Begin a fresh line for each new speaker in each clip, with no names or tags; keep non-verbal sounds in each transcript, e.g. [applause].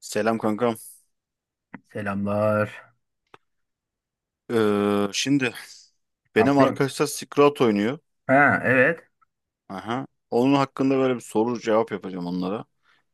Selam kankam.
Selamlar.
Şimdi
Ne
benim
yapıyorsun?
arkadaşlar Skrat oynuyor.
Ha evet.
Aha. Onun hakkında böyle bir soru cevap yapacağım onlara.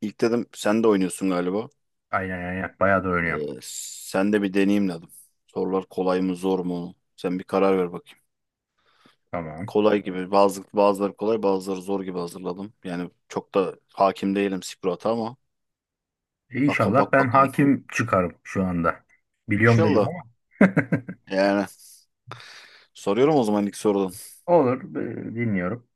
İlk dedim sen de oynuyorsun galiba.
Aynen aynen. Bayağı da oynuyorum.
Ee, Sen de bir deneyeyim dedim. Sorular kolay mı zor mu? Sen bir karar ver bakayım.
Tamam.
Kolay gibi bazıları kolay bazıları zor gibi hazırladım. Yani çok da hakim değilim Skrat'a ama
E, İnşallah ben
bakalım.
hakim çıkarım şu anda. Biliyorum dedim
İnşallah.
ama.
Yani soruyorum o zaman ilk sorudan.
[laughs] Olur. Dinliyorum.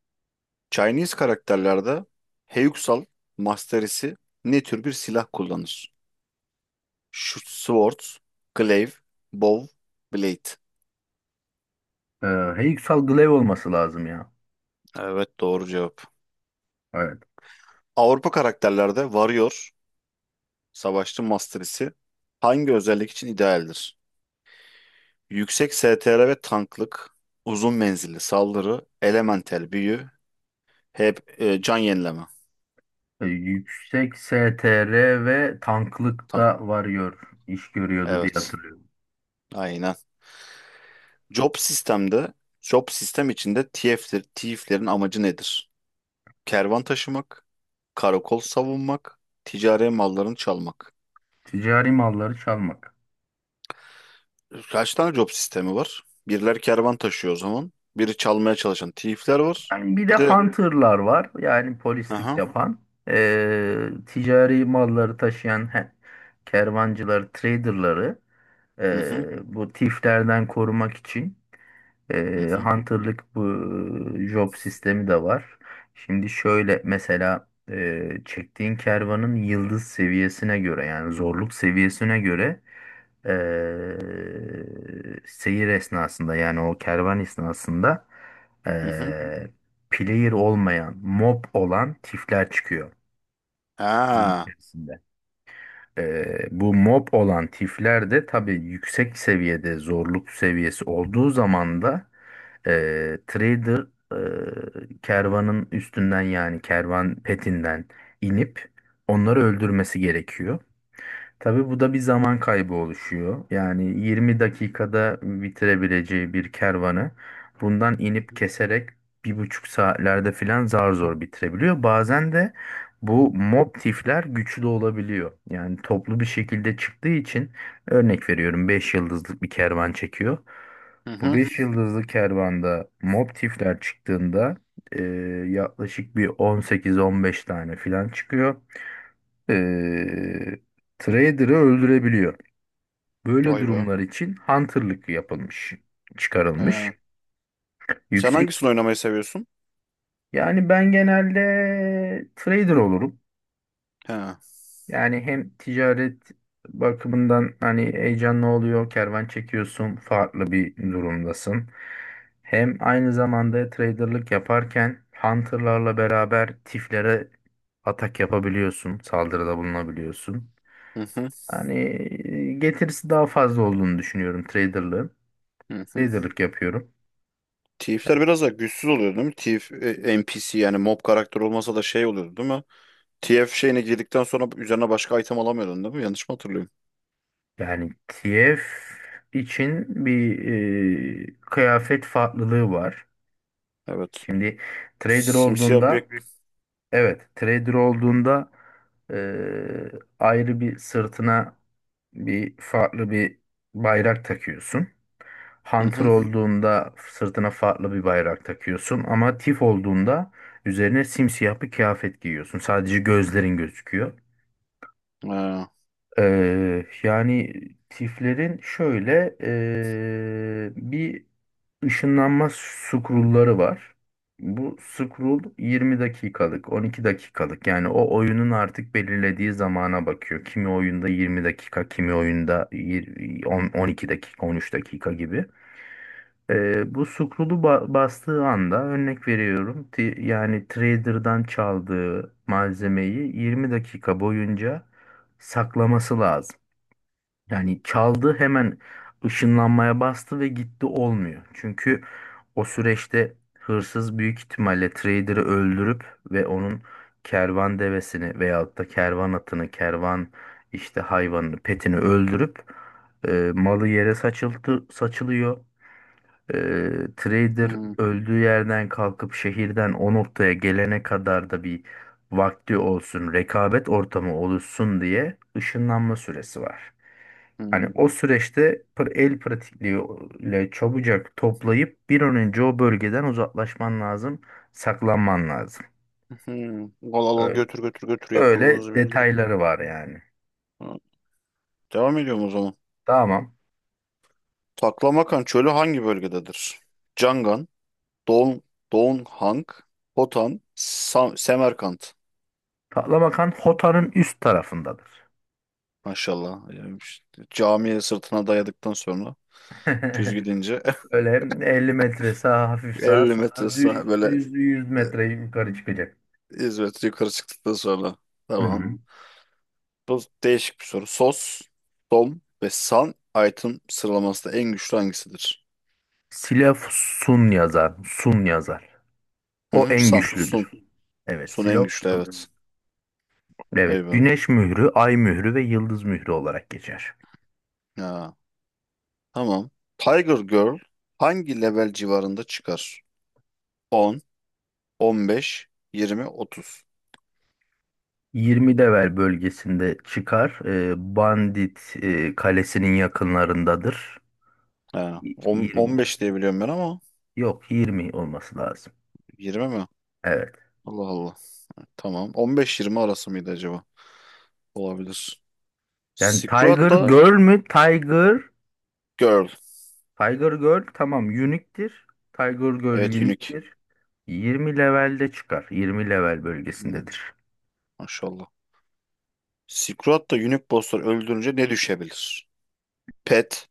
Chinese karakterlerde Heyuksal Masterisi ne tür bir silah kullanır? Şu Swords, Glaive, Bow, Blade.
Ee, Heyüksal Glaive olması lazım ya.
Evet, doğru cevap.
Evet.
Avrupa karakterlerde Warrior, savaşçı masterisi hangi özellik için idealdir? Yüksek STR ve tanklık, uzun menzilli saldırı, elementel büyü, hep can yenileme.
Yüksek STR ve
Tank.
tanklıkta varıyor. İş görüyordu diye
Evet,
hatırlıyorum.
aynen. Job sistemde, Job sistem içinde TF'lerin amacı nedir? Kervan taşımak, karakol savunmak, ticari mallarını çalmak.
Ticari malları çalmak.
Kaç tane job sistemi var? Biriler kervan taşıyor o zaman. Biri çalmaya çalışan thief'ler var.
Yani bir de
Bir de
hunterlar var. Yani polislik
aha.
yapan. Ticari malları taşıyan kervancıları, traderları
Hı hı.
bu tiflerden korumak için.
Hı hı.
Hunter'lık bu job sistemi de var. Şimdi şöyle mesela çektiğin kervanın yıldız seviyesine göre, yani zorluk seviyesine göre, seyir esnasında, yani o kervan esnasında,
Hı hı.
e, player olmayan mob olan tifler çıkıyor oyun
Ha.
içerisinde. Bu mob olan tifler de tabii yüksek seviyede zorluk seviyesi olduğu zaman da e, trader, kervanın üstünden, yani kervan petinden, inip onları öldürmesi gerekiyor. Tabii bu da bir zaman kaybı oluşuyor. Yani 20 dakikada bitirebileceği bir kervanı bundan inip keserek 1,5 saatlerde filan zar zor bitirebiliyor. Bazen de bu mob tifler güçlü olabiliyor. Yani toplu bir şekilde çıktığı için, örnek veriyorum, 5 yıldızlık bir kervan çekiyor.
Hı
Bu
hı.
5 yıldızlı kervanda mob tifler çıktığında, eee, yaklaşık bir 18-15 tane filan çıkıyor, eee trader'ı öldürebiliyor. Böyle
Vay be.
durumlar için hunter'lık yapılmış,
Ha.
çıkarılmış.
Sen
Yüksek
hangisini oynamayı seviyorsun?
yani ben genelde trader olurum.
Ha.
Yani hem ticaret bakımından hani heyecanlı oluyor, kervan çekiyorsun, farklı bir durumdasın. Hem aynı zamanda trader'lık yaparken hunter'larla beraber tiflere atak yapabiliyorsun, saldırıda bulunabiliyorsun.
Hı hı.
Yani getirisi daha fazla olduğunu düşünüyorum traderlığın.
Hı hı.
Traderlık yapıyorum.
Thief'ler biraz da güçsüz oluyor değil mi? Thief NPC yani mob karakter olmasa da şey oluyordu değil mi? TF şeyine girdikten sonra üzerine başka item alamıyordun değil mi? Yanlış mı hatırlıyorum?
Yani TF için bir kıyafet farklılığı var.
Evet.
Şimdi trader
Simsiyah bir...
olduğunda, evet, trader olduğunda, e, ayrı bir sırtına, bir farklı bir bayrak takıyorsun.
Hı
Hunter
hı.
olduğunda sırtına farklı bir bayrak takıyorsun ama Tif olduğunda üzerine simsiyah bir kıyafet giyiyorsun. Sadece gözlerin gözüküyor.
Ha.
Yani Tiflerin şöyle, bir Işınlanma scroll'ları var. Bu scroll 20 dakikalık, 12 dakikalık. Yani o oyunun artık belirlediği zamana bakıyor. Kimi oyunda 20 dakika, kimi oyunda 12 dakika, 13 dakika gibi. Bu scroll'u bastığı anda, örnek veriyorum. Yani trader'dan çaldığı malzemeyi 20 dakika boyunca saklaması lazım. Yani çaldı, hemen ışınlanmaya bastı ve gitti olmuyor. Çünkü o süreçte hırsız büyük ihtimalle trader'ı öldürüp ve onun kervan devesini veyahut da kervan atını, kervan işte hayvanını, petini öldürüp, malı yere saçılıyor. Trader
Hı
öldüğü yerden kalkıp şehirden o noktaya gelene kadar da bir vakti olsun, rekabet ortamı oluşsun diye ışınlanma süresi var. Hani
hı.
o süreçte el pratikliğiyle çabucak toplayıp bir an önce o bölgeden uzaklaşman lazım, saklanman lazım.
Hmm. Al al al
Öyle,
götür götür götür yapmanız
öyle
beni direkt.
detayları var yani.
Ha, devam ediyorum o zaman.
Tamam.
Taklamakan çölü hangi bölgededir? Cangan, Don, Donghang, Hotan, Semerkant.
Patlamakan Hota'nın üst tarafındadır.
Maşallah. Yani işte camiye sırtına dayadıktan sonra düz
[laughs]
gidince
Böyle 50 metre sağ, hafif
[laughs]
sağa,
50
sonra
metre sağ, böyle
düz 100 metre yukarı çıkacak.
hizmet yukarı çıktıktan sonra.
Hı
Tamam.
hı.
Bu değişik bir soru. Sos, Dom ve San item sıralamasında en güçlü hangisidir?
Silah Sun yazar. Sun yazar.
Hı
O
hı,
en
San,
güçlüdür.
Sun.
Evet,
Sun en
Silah
güçlü, evet.
Sun. Evet,
Vay be.
Güneş mührü, Ay mührü ve Yıldız mührü olarak geçer.
Ha, tamam. Tiger Girl hangi level civarında çıkar? 10, 15, 20, 30.
20 Devel bölgesinde çıkar. Bandit kalesinin yakınlarındadır.
Ha,
20
15
Devel.
diye biliyorum ben ama
Yok, 20 olması lazım.
20 mi?
Evet.
Allah Allah. Tamam. 15-20 arası mıydı acaba? Olabilir.
Yani
Silk
Tiger
da
Girl mü? Tiger
Girl.
Tiger Girl, tamam, unique'tir. Tiger Girl. Hı.
Evet,
20
Unique.
levelde çıkar. 20 level
Hmm,
bölgesindedir.
maşallah. Silk da Unique bosslar öldürünce ne düşebilir? Pet,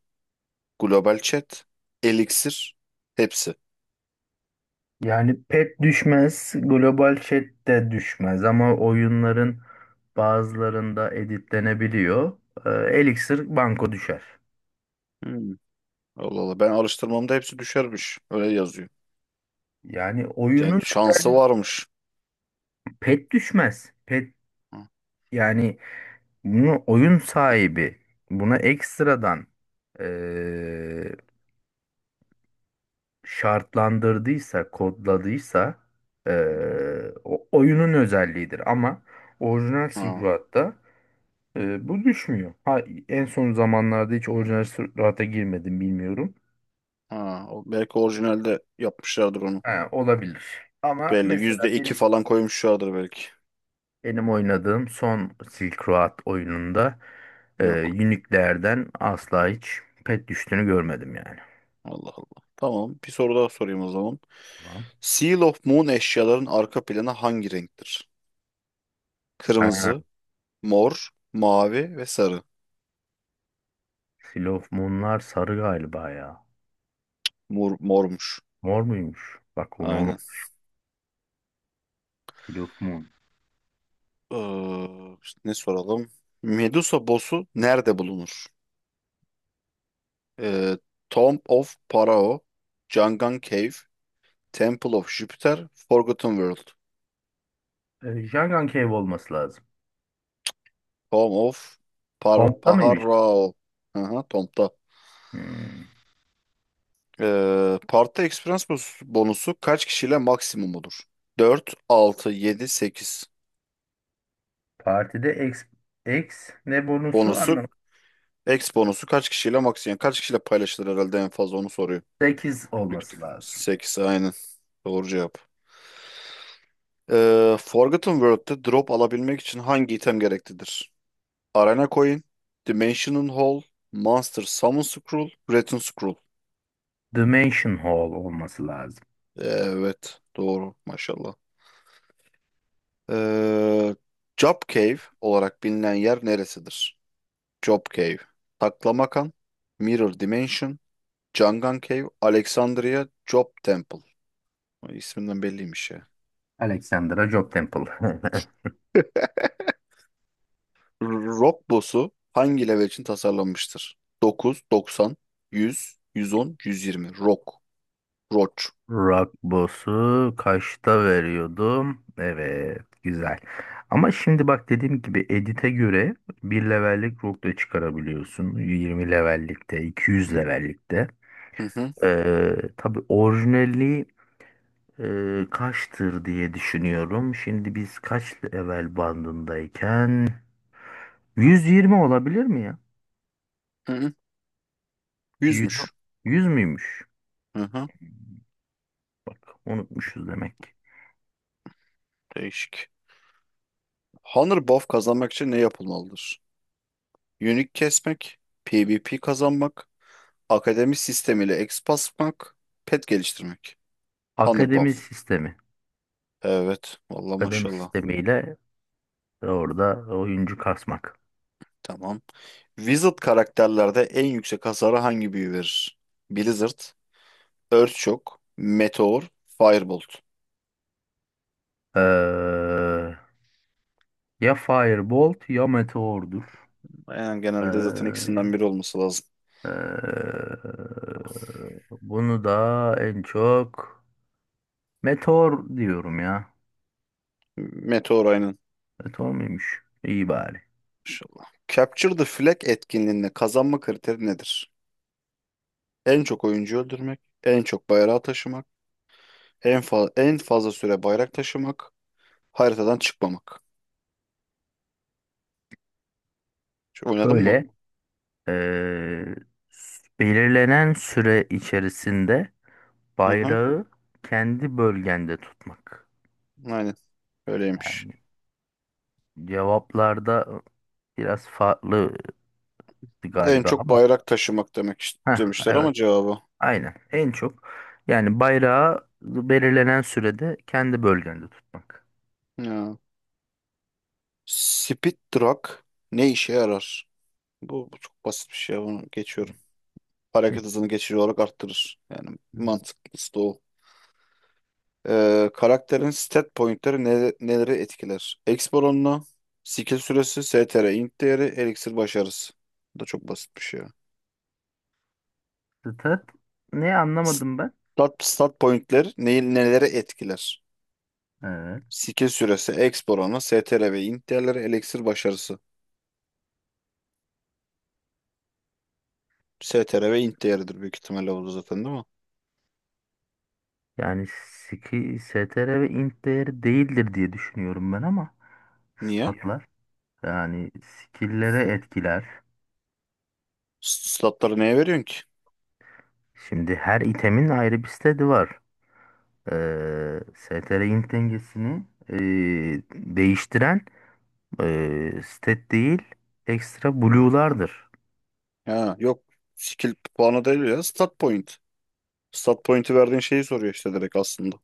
Global Chat, Elixir, hepsi.
Yani pet düşmez, global chat de düşmez ama oyunların bazılarında editlenebiliyor. Ee, Elixir banko düşer.
Hmm, Allah Allah. Ben araştırmamda hepsi düşermiş. Öyle yazıyor.
Yani
Yani
oyunun
şansı
özelliği-
varmış.
Pet düşmez. Pet,
Hı.
yani bunu oyun sahibi buna ekstradan, ee, şartlandırdıysa, kodladıysa,
Hı.
o oyunun özelliğidir. Ama orijinal
Ha,
Silverado'da bu düşmüyor. Ha, en son zamanlarda hiç orijinal Silverado'ya girmedim, bilmiyorum.
ha. O belki orijinalde yapmışlardır onu.
Ha, olabilir. Ama
Belli
mesela
%2
benim,
falan koymuşlardır belki.
benim oynadığım son Silk Road oyununda
Yok.
Unique'lerden asla hiç pet düştüğünü görmedim yani.
Allah Allah. Tamam. Bir soru daha sorayım o zaman.
Tamam.
Seal of Moon eşyaların arka planı hangi renktir?
Ha,
Kırmızı, mor, mavi ve sarı.
Seal of Moon'lar sarı galiba ya.
Mor, mormuş.
Mor muymuş? Bak onu.
Aynen.
Seal of Moon.
Ee, Ne soralım? Medusa boss'u nerede bulunur? Ee, Tomb of Pharaoh, Jangan Cave, Temple of Jupiter, Forgotten World.
Jangan Cave olması lazım.
Tomb of
Pompta mıymış?
Pharaoh. Aha, Tomb'da.
Hmm.
Party Experience bonusu kaç kişiyle maksimum olur? 4, 6, 7, 8
Partide X, ne bonusu
bonusu.
anlamadım.
X bonusu kaç kişiyle maksimum? Yani kaç kişiyle paylaşılır herhalde en fazla onu soruyor.
8 olması lazım.
Sekiz, aynen. Doğru cevap. Forgotten World'de drop alabilmek için hangi item gereklidir? Arena Coin, Dimension Hall, Monster Summon Scroll, Return Scroll.
Dimension Hall olması lazım.
Evet, doğru, maşallah. Ee, Job Cave olarak bilinen yer neresidir? Job Cave, Taklamakan, Mirror Dimension, Jangan Cave, Alexandria, Job Temple. Ay, İsminden belliymiş ya.
Alexandra Job Temple. [laughs]
Rock boss'u hangi level için tasarlanmıştır? 9, 90, 100, 110, 120. Rock. Roach.
Rock Boss'u kaçta veriyordum? Evet, güzel. Ama şimdi bak, dediğim gibi edit'e göre bir levellik rock da çıkarabiliyorsun. 20 levellikte, 200 levellikte.
Hı hı.
Tabii orijinali. Kaçtır diye düşünüyorum. Şimdi biz kaç level bandındayken 120 olabilir mi ya?
Hı hı.
100,
Yüzmüş.
100 müymüş?
Hı hı.
Bak, unutmuşuz demek ki.
Değişik. Hunter buff kazanmak için ne yapılmalıdır? Unique kesmek, PvP kazanmak, akademi sistemiyle exp basmak, pet geliştirmek. Hunter
Akademi
buff.
sistemi.
Evet. Vallahi,
Akademi
maşallah.
sistemiyle orada oyuncu kasmak.
Tamam. Wizard karakterlerde en yüksek hasarı hangi büyü verir? Blizzard, Earthshock, Meteor, Firebolt.
Ee, Ya Firebolt ya Meteor'dur.
Yani
Ee,
genelde zaten ikisinden biri olması lazım.
ee, Bunu da en çok Meteor diyorum ya.
Meteor, aynen.
Meteor muymuş? İyi bari.
İnşallah. Capture the Flag etkinliğinde kazanma kriteri nedir? En çok oyuncu öldürmek, en çok bayrağı taşımak, en fazla süre bayrak taşımak, haritadan çıkmamak. Şu, oynadın mı?
Böyle Ee, Belirlenen süre içerisinde
Hı hı.
bayrağı kendi bölgende tutmak.
Aynen. Öyleymiş.
Yani cevaplarda biraz farklı
En
galiba
çok
ama.
bayrak taşımak demek
Heh,
demişler
evet,
ama cevabı.
aynen. En çok, yani, bayrağı belirlenen sürede kendi bölgende tutmak.
Ya. Speed Truck ne işe yarar? Bu çok basit bir şey. Bunu geçiyorum.
E,
Hareket hızını geçici olarak arttırır. Yani mantıklısı da o. Karakterin stat pointleri neleri etkiler? Exp oranını, skill süresi, STR, int değeri, elixir başarısı. Bu da çok basit bir şey ya.
Stat ne, anlamadım ben?
Stat pointler neyi, neleri etkiler?
Evet.
Skill süresi, exp oranı, STR ve int değerleri, elixir başarısı. STR ve int değeridir büyük ihtimalle, oldu zaten değil mi?
Yani STR ve int değeri değildir diye düşünüyorum ben, ama
Niye?
statlar. Yani skill'lere etkiler.
Statları neye veriyorsun ki?
Şimdi her itemin ayrı bir seti var. STR int dengesini değiştiren stat değil, ekstra blue'lardır.
Ha, yok. Skill puanı değil ya. Stat point. Stat point'i verdiğin şeyi soruyor işte direkt aslında.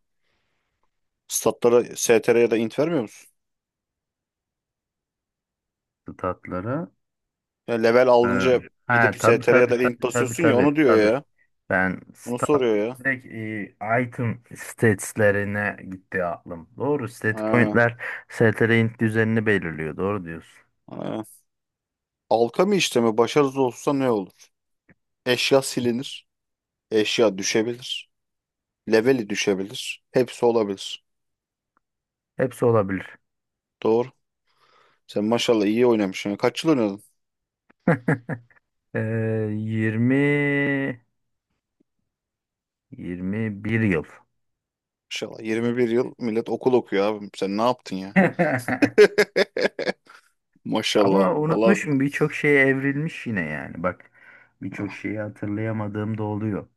Statlara STR ya da int vermiyor musun?
Statlara.
Ya level
Ee,
alınca
ha
gidip
Benim, tabii
STR ya
tabii,
da link
sektörüm, tabii bu,
basıyorsun ya,
tabii
onu
tabii
diyor
tabii.
ya.
Ben
Onu
sta
soruyor ya.
Direkt item stats'lerine gitti aklım. Doğru, stat
Ha,
point'ler STR int düzenini belirliyor. Doğru diyorsun.
ha. Alkami işlemi başarısız olursa ne olur? Eşya silinir. Eşya düşebilir. Leveli düşebilir. Hepsi olabilir.
Hepsi olabilir.
Doğru. Sen maşallah iyi oynamışsın ya. Kaç yıl oynadın?
[laughs] Ee, 20 21 yıl.
Maşallah, 21 yıl millet okul okuyor abi. Sen ne yaptın ya?
[laughs]
[laughs] Maşallah.
Ama
Valla
unutmuşum, birçok şeye evrilmiş yine yani. Bak, birçok şeyi hatırlayamadığım da oluyor.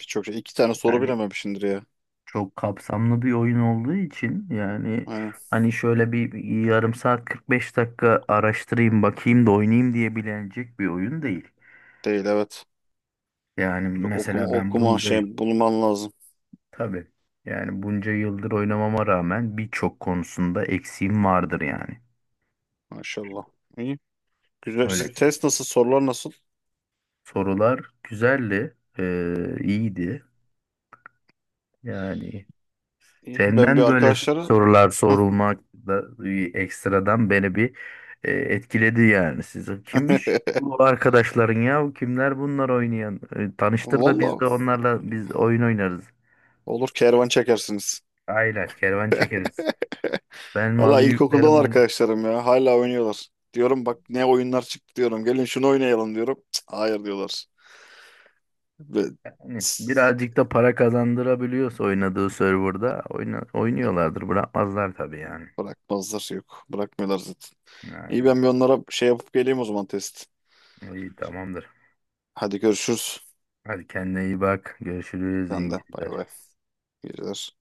birçok şey. İki tane soru
Yani
bilememişsindir ya.
çok kapsamlı bir oyun olduğu için yani,
Aynen.
hani, şöyle bir yarım saat 45 dakika araştırayım bakayım da oynayayım diyebilecek bir oyun değil.
Değil, evet.
Yani
Çok okuma,
mesela ben
okuman
bunca,
şey bulman lazım.
tabii yani, bunca yıldır oynamama rağmen birçok konusunda eksiğim vardır yani.
Maşallah. İyi. Güzel.
Öyle.
Stres nasıl? Sorular nasıl?
Sorular güzeldi, iyiydi. Yani
İyi,
senden,
ben bir
evet, böyle
arkadaşlara
sorular sorulmak da bir ekstradan beni bir etkiledi yani. Sizin kimmiş
[laughs]
bu arkadaşların ya? Kimler bunlar oynayan? Tanıştır da biz de
vallahi
onlarla biz oyun oynarız.
olur, kervan çekersiniz.
Aynen kervan çekeriz. Ben malı
Vallahi
yüklerim
ilkokuldan
onu.
arkadaşlarım ya. Hala oynuyorlar. Diyorum bak ne oyunlar çıktı diyorum. Gelin şunu oynayalım diyorum. Cık, hayır diyorlar. Ve
Yani
tss,
birazcık da para kazandırabiliyorsa oynadığı serverda oynuyorlardır. Bırakmazlar tabii yani.
bırakmazlar, yok. Bırakmıyorlar zaten. İyi,
Aynen.
ben bir onlara şey yapıp geleyim o zaman, test.
İyi, tamamdır.
Hadi görüşürüz.
Hadi kendine iyi bak. Görüşürüz.
Sen
İyi
de bay
geceler.
bay. İyi geceler.